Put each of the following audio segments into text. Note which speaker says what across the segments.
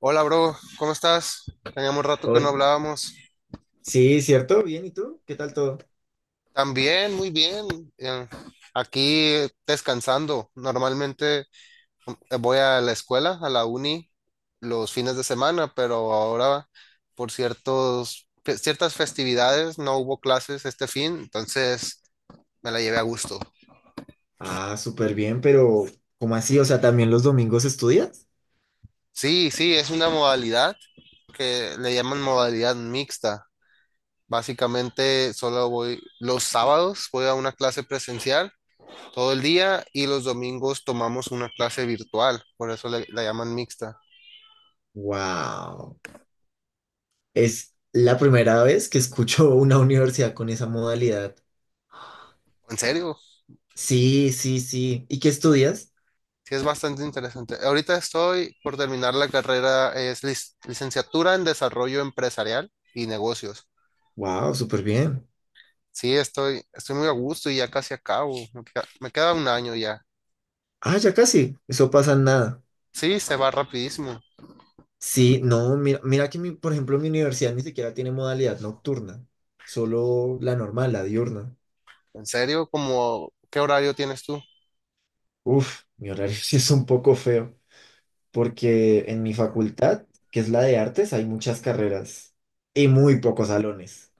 Speaker 1: Hola, bro, ¿cómo estás? Teníamos rato que no
Speaker 2: Ol-
Speaker 1: hablábamos.
Speaker 2: Sí, ¿cierto? Bien, ¿y tú? ¿Qué tal todo?
Speaker 1: También, muy bien. eh, Aquí descansando. Normalmente voy a la escuela, a la uni, los fines de semana, pero ahora por ciertas festividades no hubo clases este fin, entonces me la llevé a gusto.
Speaker 2: Ah, súper bien, pero ¿cómo así? O sea, ¿también los domingos estudias?
Speaker 1: Sí, sí, es una modalidad que le llaman modalidad mixta. Básicamente solo voy los sábados, voy a una clase presencial todo el día y los domingos tomamos una clase virtual, por eso la llaman mixta.
Speaker 2: Wow. Es la primera vez que escucho una universidad con esa modalidad.
Speaker 1: ¿En serio?
Speaker 2: Sí, sí, sí. ¿Y qué estudias?
Speaker 1: Sí, es bastante interesante. Ahorita estoy por terminar la carrera, es licenciatura en desarrollo empresarial y negocios.
Speaker 2: Wow, súper bien.
Speaker 1: Sí, estoy muy a gusto y ya casi acabo. Me queda un año ya.
Speaker 2: Ah, ya casi. Eso pasa en nada.
Speaker 1: Sí, se va rapidísimo.
Speaker 2: Sí, no, mira, mira que por ejemplo, mi universidad ni siquiera tiene modalidad nocturna, solo la normal, la diurna.
Speaker 1: ¿En serio? ¿Qué horario tienes tú?
Speaker 2: Uf, mi horario sí es un poco feo, porque en mi facultad, que es la de artes, hay muchas carreras y muy pocos salones.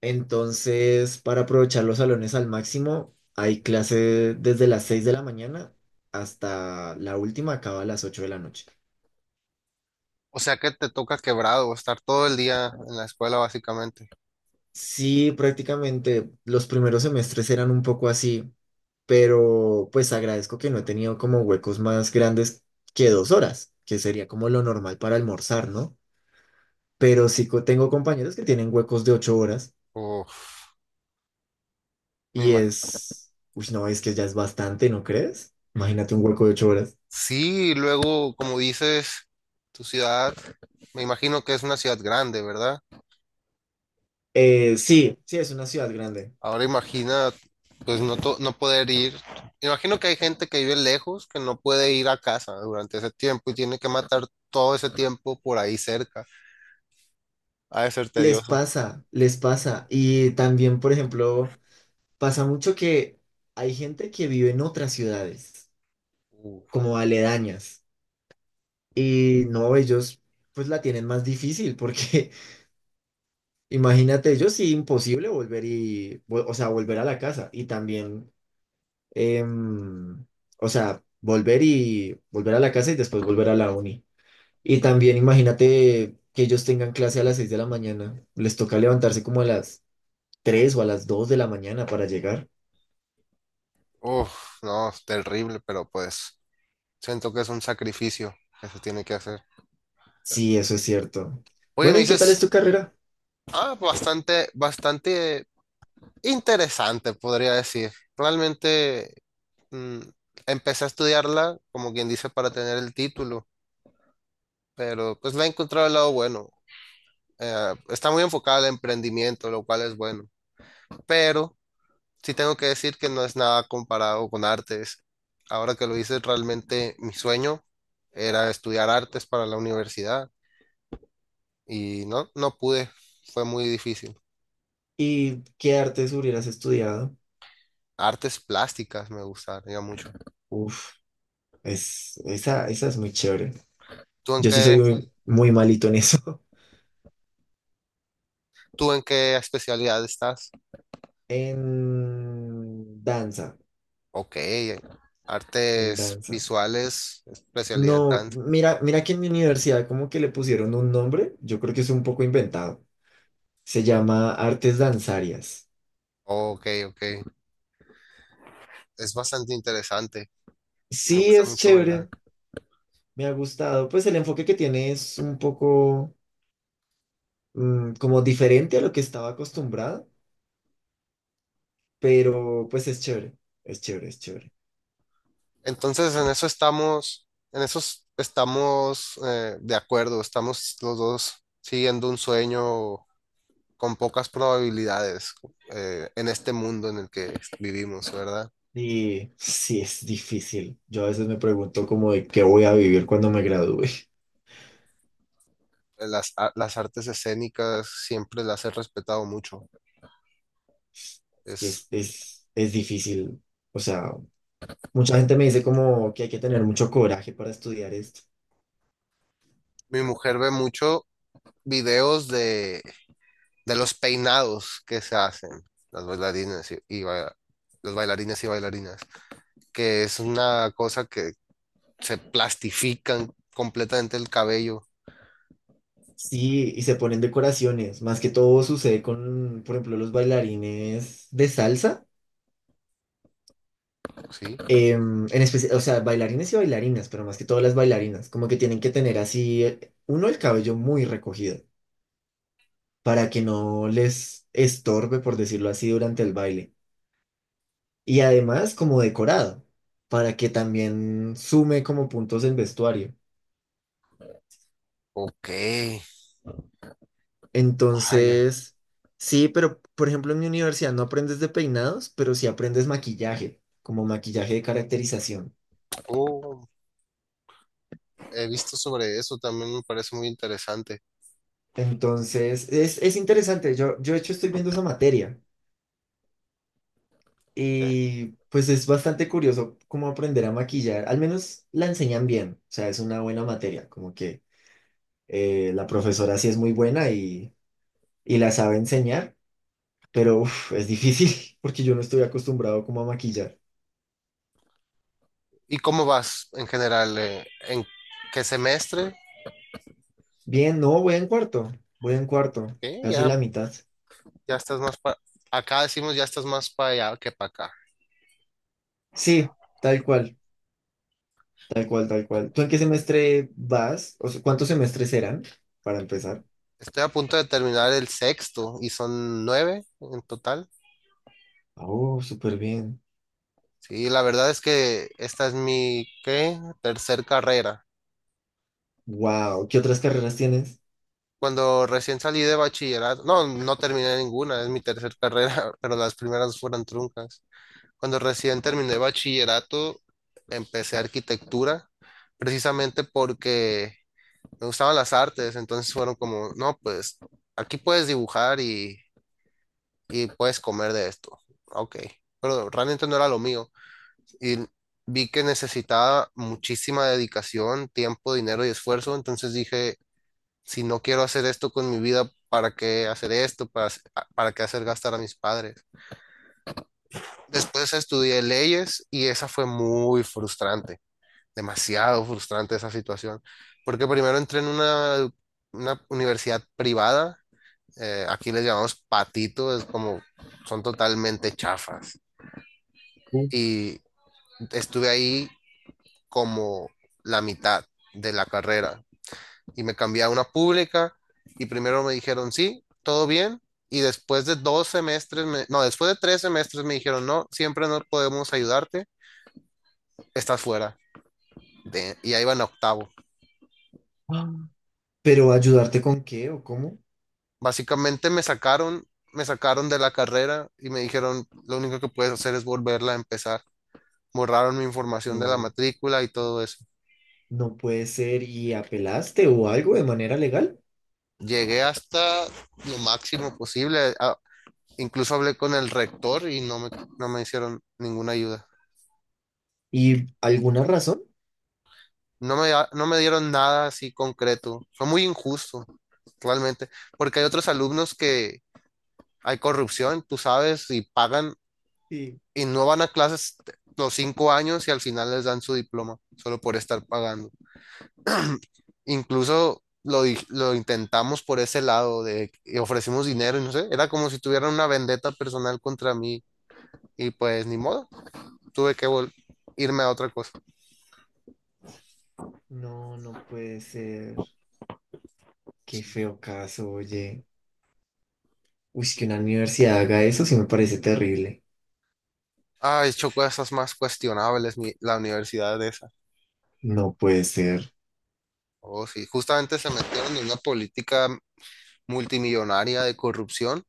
Speaker 2: Entonces, para aprovechar los salones al máximo, hay clase desde las 6 de la mañana hasta la última acaba a las 8 de la noche.
Speaker 1: O sea que te toca quebrado, estar todo el día en la escuela básicamente.
Speaker 2: Sí, prácticamente los primeros semestres eran un poco así, pero pues agradezco que no he tenido como huecos más grandes que 2 horas, que sería como lo normal para almorzar, ¿no? Pero sí tengo compañeros que tienen huecos de 8 horas
Speaker 1: Uf, me
Speaker 2: y
Speaker 1: imagino.
Speaker 2: es, uy, no, es que ya es bastante, ¿no crees? Imagínate un hueco de 8 horas.
Speaker 1: Sí, luego, como dices, tu ciudad, me imagino que es una ciudad grande, ¿verdad?
Speaker 2: Sí, sí, es una ciudad grande.
Speaker 1: Ahora imagina, pues no, no poder ir. Imagino que hay gente que vive lejos, que no puede ir a casa durante ese tiempo y tiene que matar todo ese tiempo por ahí cerca. Ha de ser
Speaker 2: Les
Speaker 1: tedioso.
Speaker 2: pasa, les pasa. Y también, por ejemplo, pasa mucho que hay gente que vive en otras ciudades,
Speaker 1: Uf,
Speaker 2: como aledañas. Y no, ellos pues la tienen más difícil porque imagínate, ellos sí imposible volver o sea, volver a la casa y también, em, o sea, volver y volver a la casa y después volver a la uni. Y también imagínate que ellos tengan clase a las 6 de la mañana, les toca levantarse como a las 3 o a las 2 de la mañana para llegar.
Speaker 1: uf, no, es terrible, pero pues siento que es un sacrificio que se tiene que hacer.
Speaker 2: Sí, eso es cierto.
Speaker 1: Oye,
Speaker 2: Bueno,
Speaker 1: me
Speaker 2: ¿y qué tal es tu
Speaker 1: dices,
Speaker 2: carrera?
Speaker 1: ah, bastante, bastante interesante, podría decir. Realmente. mm, Empecé a estudiarla, como quien dice, para tener el título, pero pues la he encontrado el lado bueno. Está muy enfocada al emprendimiento, lo cual es bueno, pero sí tengo que decir que no es nada comparado con artes. Ahora que lo hice realmente mi sueño era estudiar artes para la universidad y no, no pude, fue muy difícil.
Speaker 2: ¿Y qué artes hubieras estudiado?
Speaker 1: Artes plásticas me gustaría mucho.
Speaker 2: Uf. Esa esa es muy chévere.
Speaker 1: ¿Tú en
Speaker 2: Yo sí soy
Speaker 1: qué,
Speaker 2: muy, muy malito en eso.
Speaker 1: ¿tú en qué especialidad estás?
Speaker 2: En danza,
Speaker 1: Ok,
Speaker 2: en
Speaker 1: artes
Speaker 2: danza.
Speaker 1: visuales, especialidad
Speaker 2: No,
Speaker 1: dance.
Speaker 2: mira, mira que en mi universidad como que le pusieron un nombre, yo creo que es un poco inventado. Se llama Artes Danzarias.
Speaker 1: Ok, ok, es bastante interesante. Me
Speaker 2: Sí,
Speaker 1: gusta
Speaker 2: es
Speaker 1: mucho bailar.
Speaker 2: chévere, me ha gustado. Pues el enfoque que tiene es un poco mm, como diferente a lo que estaba acostumbrado, pero pues es chévere, es chévere, es chévere.
Speaker 1: Entonces, en eso estamos, estamos de acuerdo. Estamos los dos siguiendo un sueño con pocas probabilidades en este mundo en el que vivimos, ¿verdad?
Speaker 2: Y sí, es difícil. Yo a veces me pregunto como de qué voy a vivir cuando me gradúe.
Speaker 1: Las artes escénicas siempre las he respetado mucho.
Speaker 2: Es que
Speaker 1: Es,
Speaker 2: es, es, es difícil. O sea, mucha gente me dice como que hay que tener mucho coraje para estudiar esto.
Speaker 1: Mi mujer ve mucho videos de los peinados que se hacen las bailarinas los bailarines y bailarinas, que es una cosa que se plastifican completamente el cabello,
Speaker 2: Sí, y se ponen decoraciones. Más que todo sucede con, por ejemplo, los bailarines de salsa.
Speaker 1: ¿sí?
Speaker 2: En especial, o sea, bailarines y bailarinas, pero más que todo las bailarinas. Como que tienen que tener así, uno, el cabello muy recogido para que no les estorbe, por decirlo así, durante el baile. Y además como decorado, para que también sume como puntos el vestuario.
Speaker 1: Ok, vaya.
Speaker 2: Entonces, sí, pero por ejemplo en mi universidad no aprendes de peinados, pero sí aprendes maquillaje, como maquillaje de caracterización.
Speaker 1: Oh, he visto sobre eso, también me parece muy interesante.
Speaker 2: Entonces, es interesante. Yo de hecho estoy viendo esa materia
Speaker 1: Eh,
Speaker 2: y pues es bastante curioso cómo aprender a maquillar. Al menos la enseñan bien, o sea, es una buena materia, como que la profesora sí es muy buena y la sabe enseñar. Pero uf, es difícil porque yo no estoy acostumbrado como a maquillar.
Speaker 1: ¿Y cómo vas en general? ¿En qué semestre?
Speaker 2: Bien, no, voy en cuarto,
Speaker 1: ¿Qué?
Speaker 2: casi
Speaker 1: Ya,
Speaker 2: la mitad.
Speaker 1: ya estás más para... Acá decimos ya estás más para allá que para acá.
Speaker 2: Sí, tal cual, tal cual, tal cual. ¿Tú en qué semestre vas? O sea, ¿cuántos semestres serán para empezar?
Speaker 1: Estoy a punto de terminar el sexto y son nueve en total.
Speaker 2: Oh, súper bien.
Speaker 1: Sí, la verdad es que esta es mi, ¿qué? Tercer carrera.
Speaker 2: Wow, ¿qué otras carreras tienes?
Speaker 1: Cuando recién salí de bachillerato, no, no terminé ninguna, es mi tercer carrera, pero las primeras fueron truncas. Cuando recién terminé bachillerato, empecé arquitectura, precisamente porque me gustaban las artes, entonces fueron como, no, pues aquí puedes dibujar y puedes comer de esto. Ok, pero realmente no era lo mío. Y vi que necesitaba muchísima dedicación, tiempo, dinero y esfuerzo, entonces dije, si no quiero hacer esto con mi vida, ¿para qué hacer esto? ¿Para qué hacer gastar a mis padres? Después estudié leyes y esa fue muy frustrante, demasiado frustrante esa situación, porque primero entré en una universidad privada, aquí les llamamos patito, es como, son totalmente chafas.
Speaker 2: Uh.
Speaker 1: Y estuve ahí como la mitad de la carrera y me cambié a una pública y primero me dijeron sí, todo bien y después de dos semestres, me- no, después de 3 semestres me dijeron no, siempre no podemos ayudarte, estás fuera y ahí van a octavo.
Speaker 2: Ah, ¿pero ayudarte con qué o cómo?
Speaker 1: Básicamente me sacaron de la carrera y me dijeron lo único que puedes hacer es volverla a empezar. Borraron mi información de la
Speaker 2: No,
Speaker 1: matrícula y todo eso.
Speaker 2: no puede ser. ¿Y apelaste o algo de manera legal?
Speaker 1: Llegué hasta lo máximo posible. Incluso hablé con el rector y no me hicieron ninguna ayuda.
Speaker 2: ¿Y alguna razón?
Speaker 1: No me dieron nada así concreto. Fue muy injusto, realmente, porque hay otros alumnos que hay corrupción, tú sabes, y pagan
Speaker 2: Sí.
Speaker 1: y no van a clases los 5 años y al final les dan su diploma solo por estar pagando. Incluso lo intentamos por ese lado de y ofrecimos dinero y no sé, era como si tuvieran una vendetta personal contra mí y pues ni modo, tuve que irme a otra cosa.
Speaker 2: No, no puede ser. Qué feo caso, oye. Uy, que una universidad haga eso sí me parece terrible.
Speaker 1: Ay, chocó esas más cuestionables, la universidad de esa.
Speaker 2: No puede ser.
Speaker 1: Oh, sí, justamente se metieron en una política multimillonaria de corrupción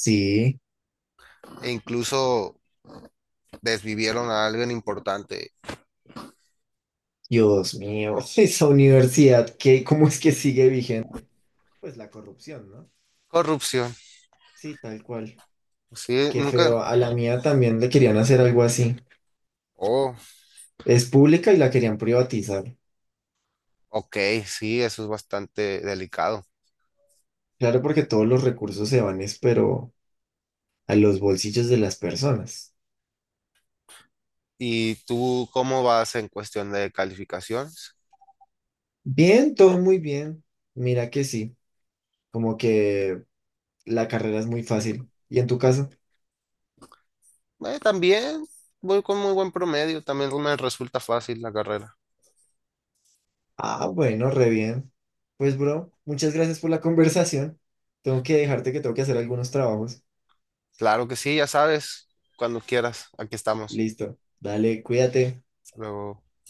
Speaker 2: Sí,
Speaker 1: e incluso desvivieron a alguien importante.
Speaker 2: Dios mío, esa universidad, ¿qué, cómo es que sigue vigente? Pues la corrupción, ¿no?
Speaker 1: Corrupción.
Speaker 2: Sí, tal cual.
Speaker 1: Sí,
Speaker 2: Qué
Speaker 1: nunca.
Speaker 2: feo. A la mía también le querían hacer algo así.
Speaker 1: Oh,
Speaker 2: Es pública y la querían privatizar.
Speaker 1: ok, sí, eso es bastante delicado.
Speaker 2: Claro, porque todos los recursos se van, es, pero a los bolsillos de las personas.
Speaker 1: ¿Y tú cómo vas en cuestión de calificaciones?
Speaker 2: Bien, todo muy bien. Mira que sí, como que la carrera es muy fácil. ¿Y en tu caso?
Speaker 1: También voy con muy buen promedio, también me resulta fácil la carrera.
Speaker 2: Ah, bueno, re bien. Pues, bro, muchas gracias por la conversación. Tengo que dejarte que tengo que hacer algunos trabajos.
Speaker 1: Claro que sí, ya sabes, cuando quieras, aquí estamos.
Speaker 2: Listo. Dale, cuídate.
Speaker 1: Hasta luego.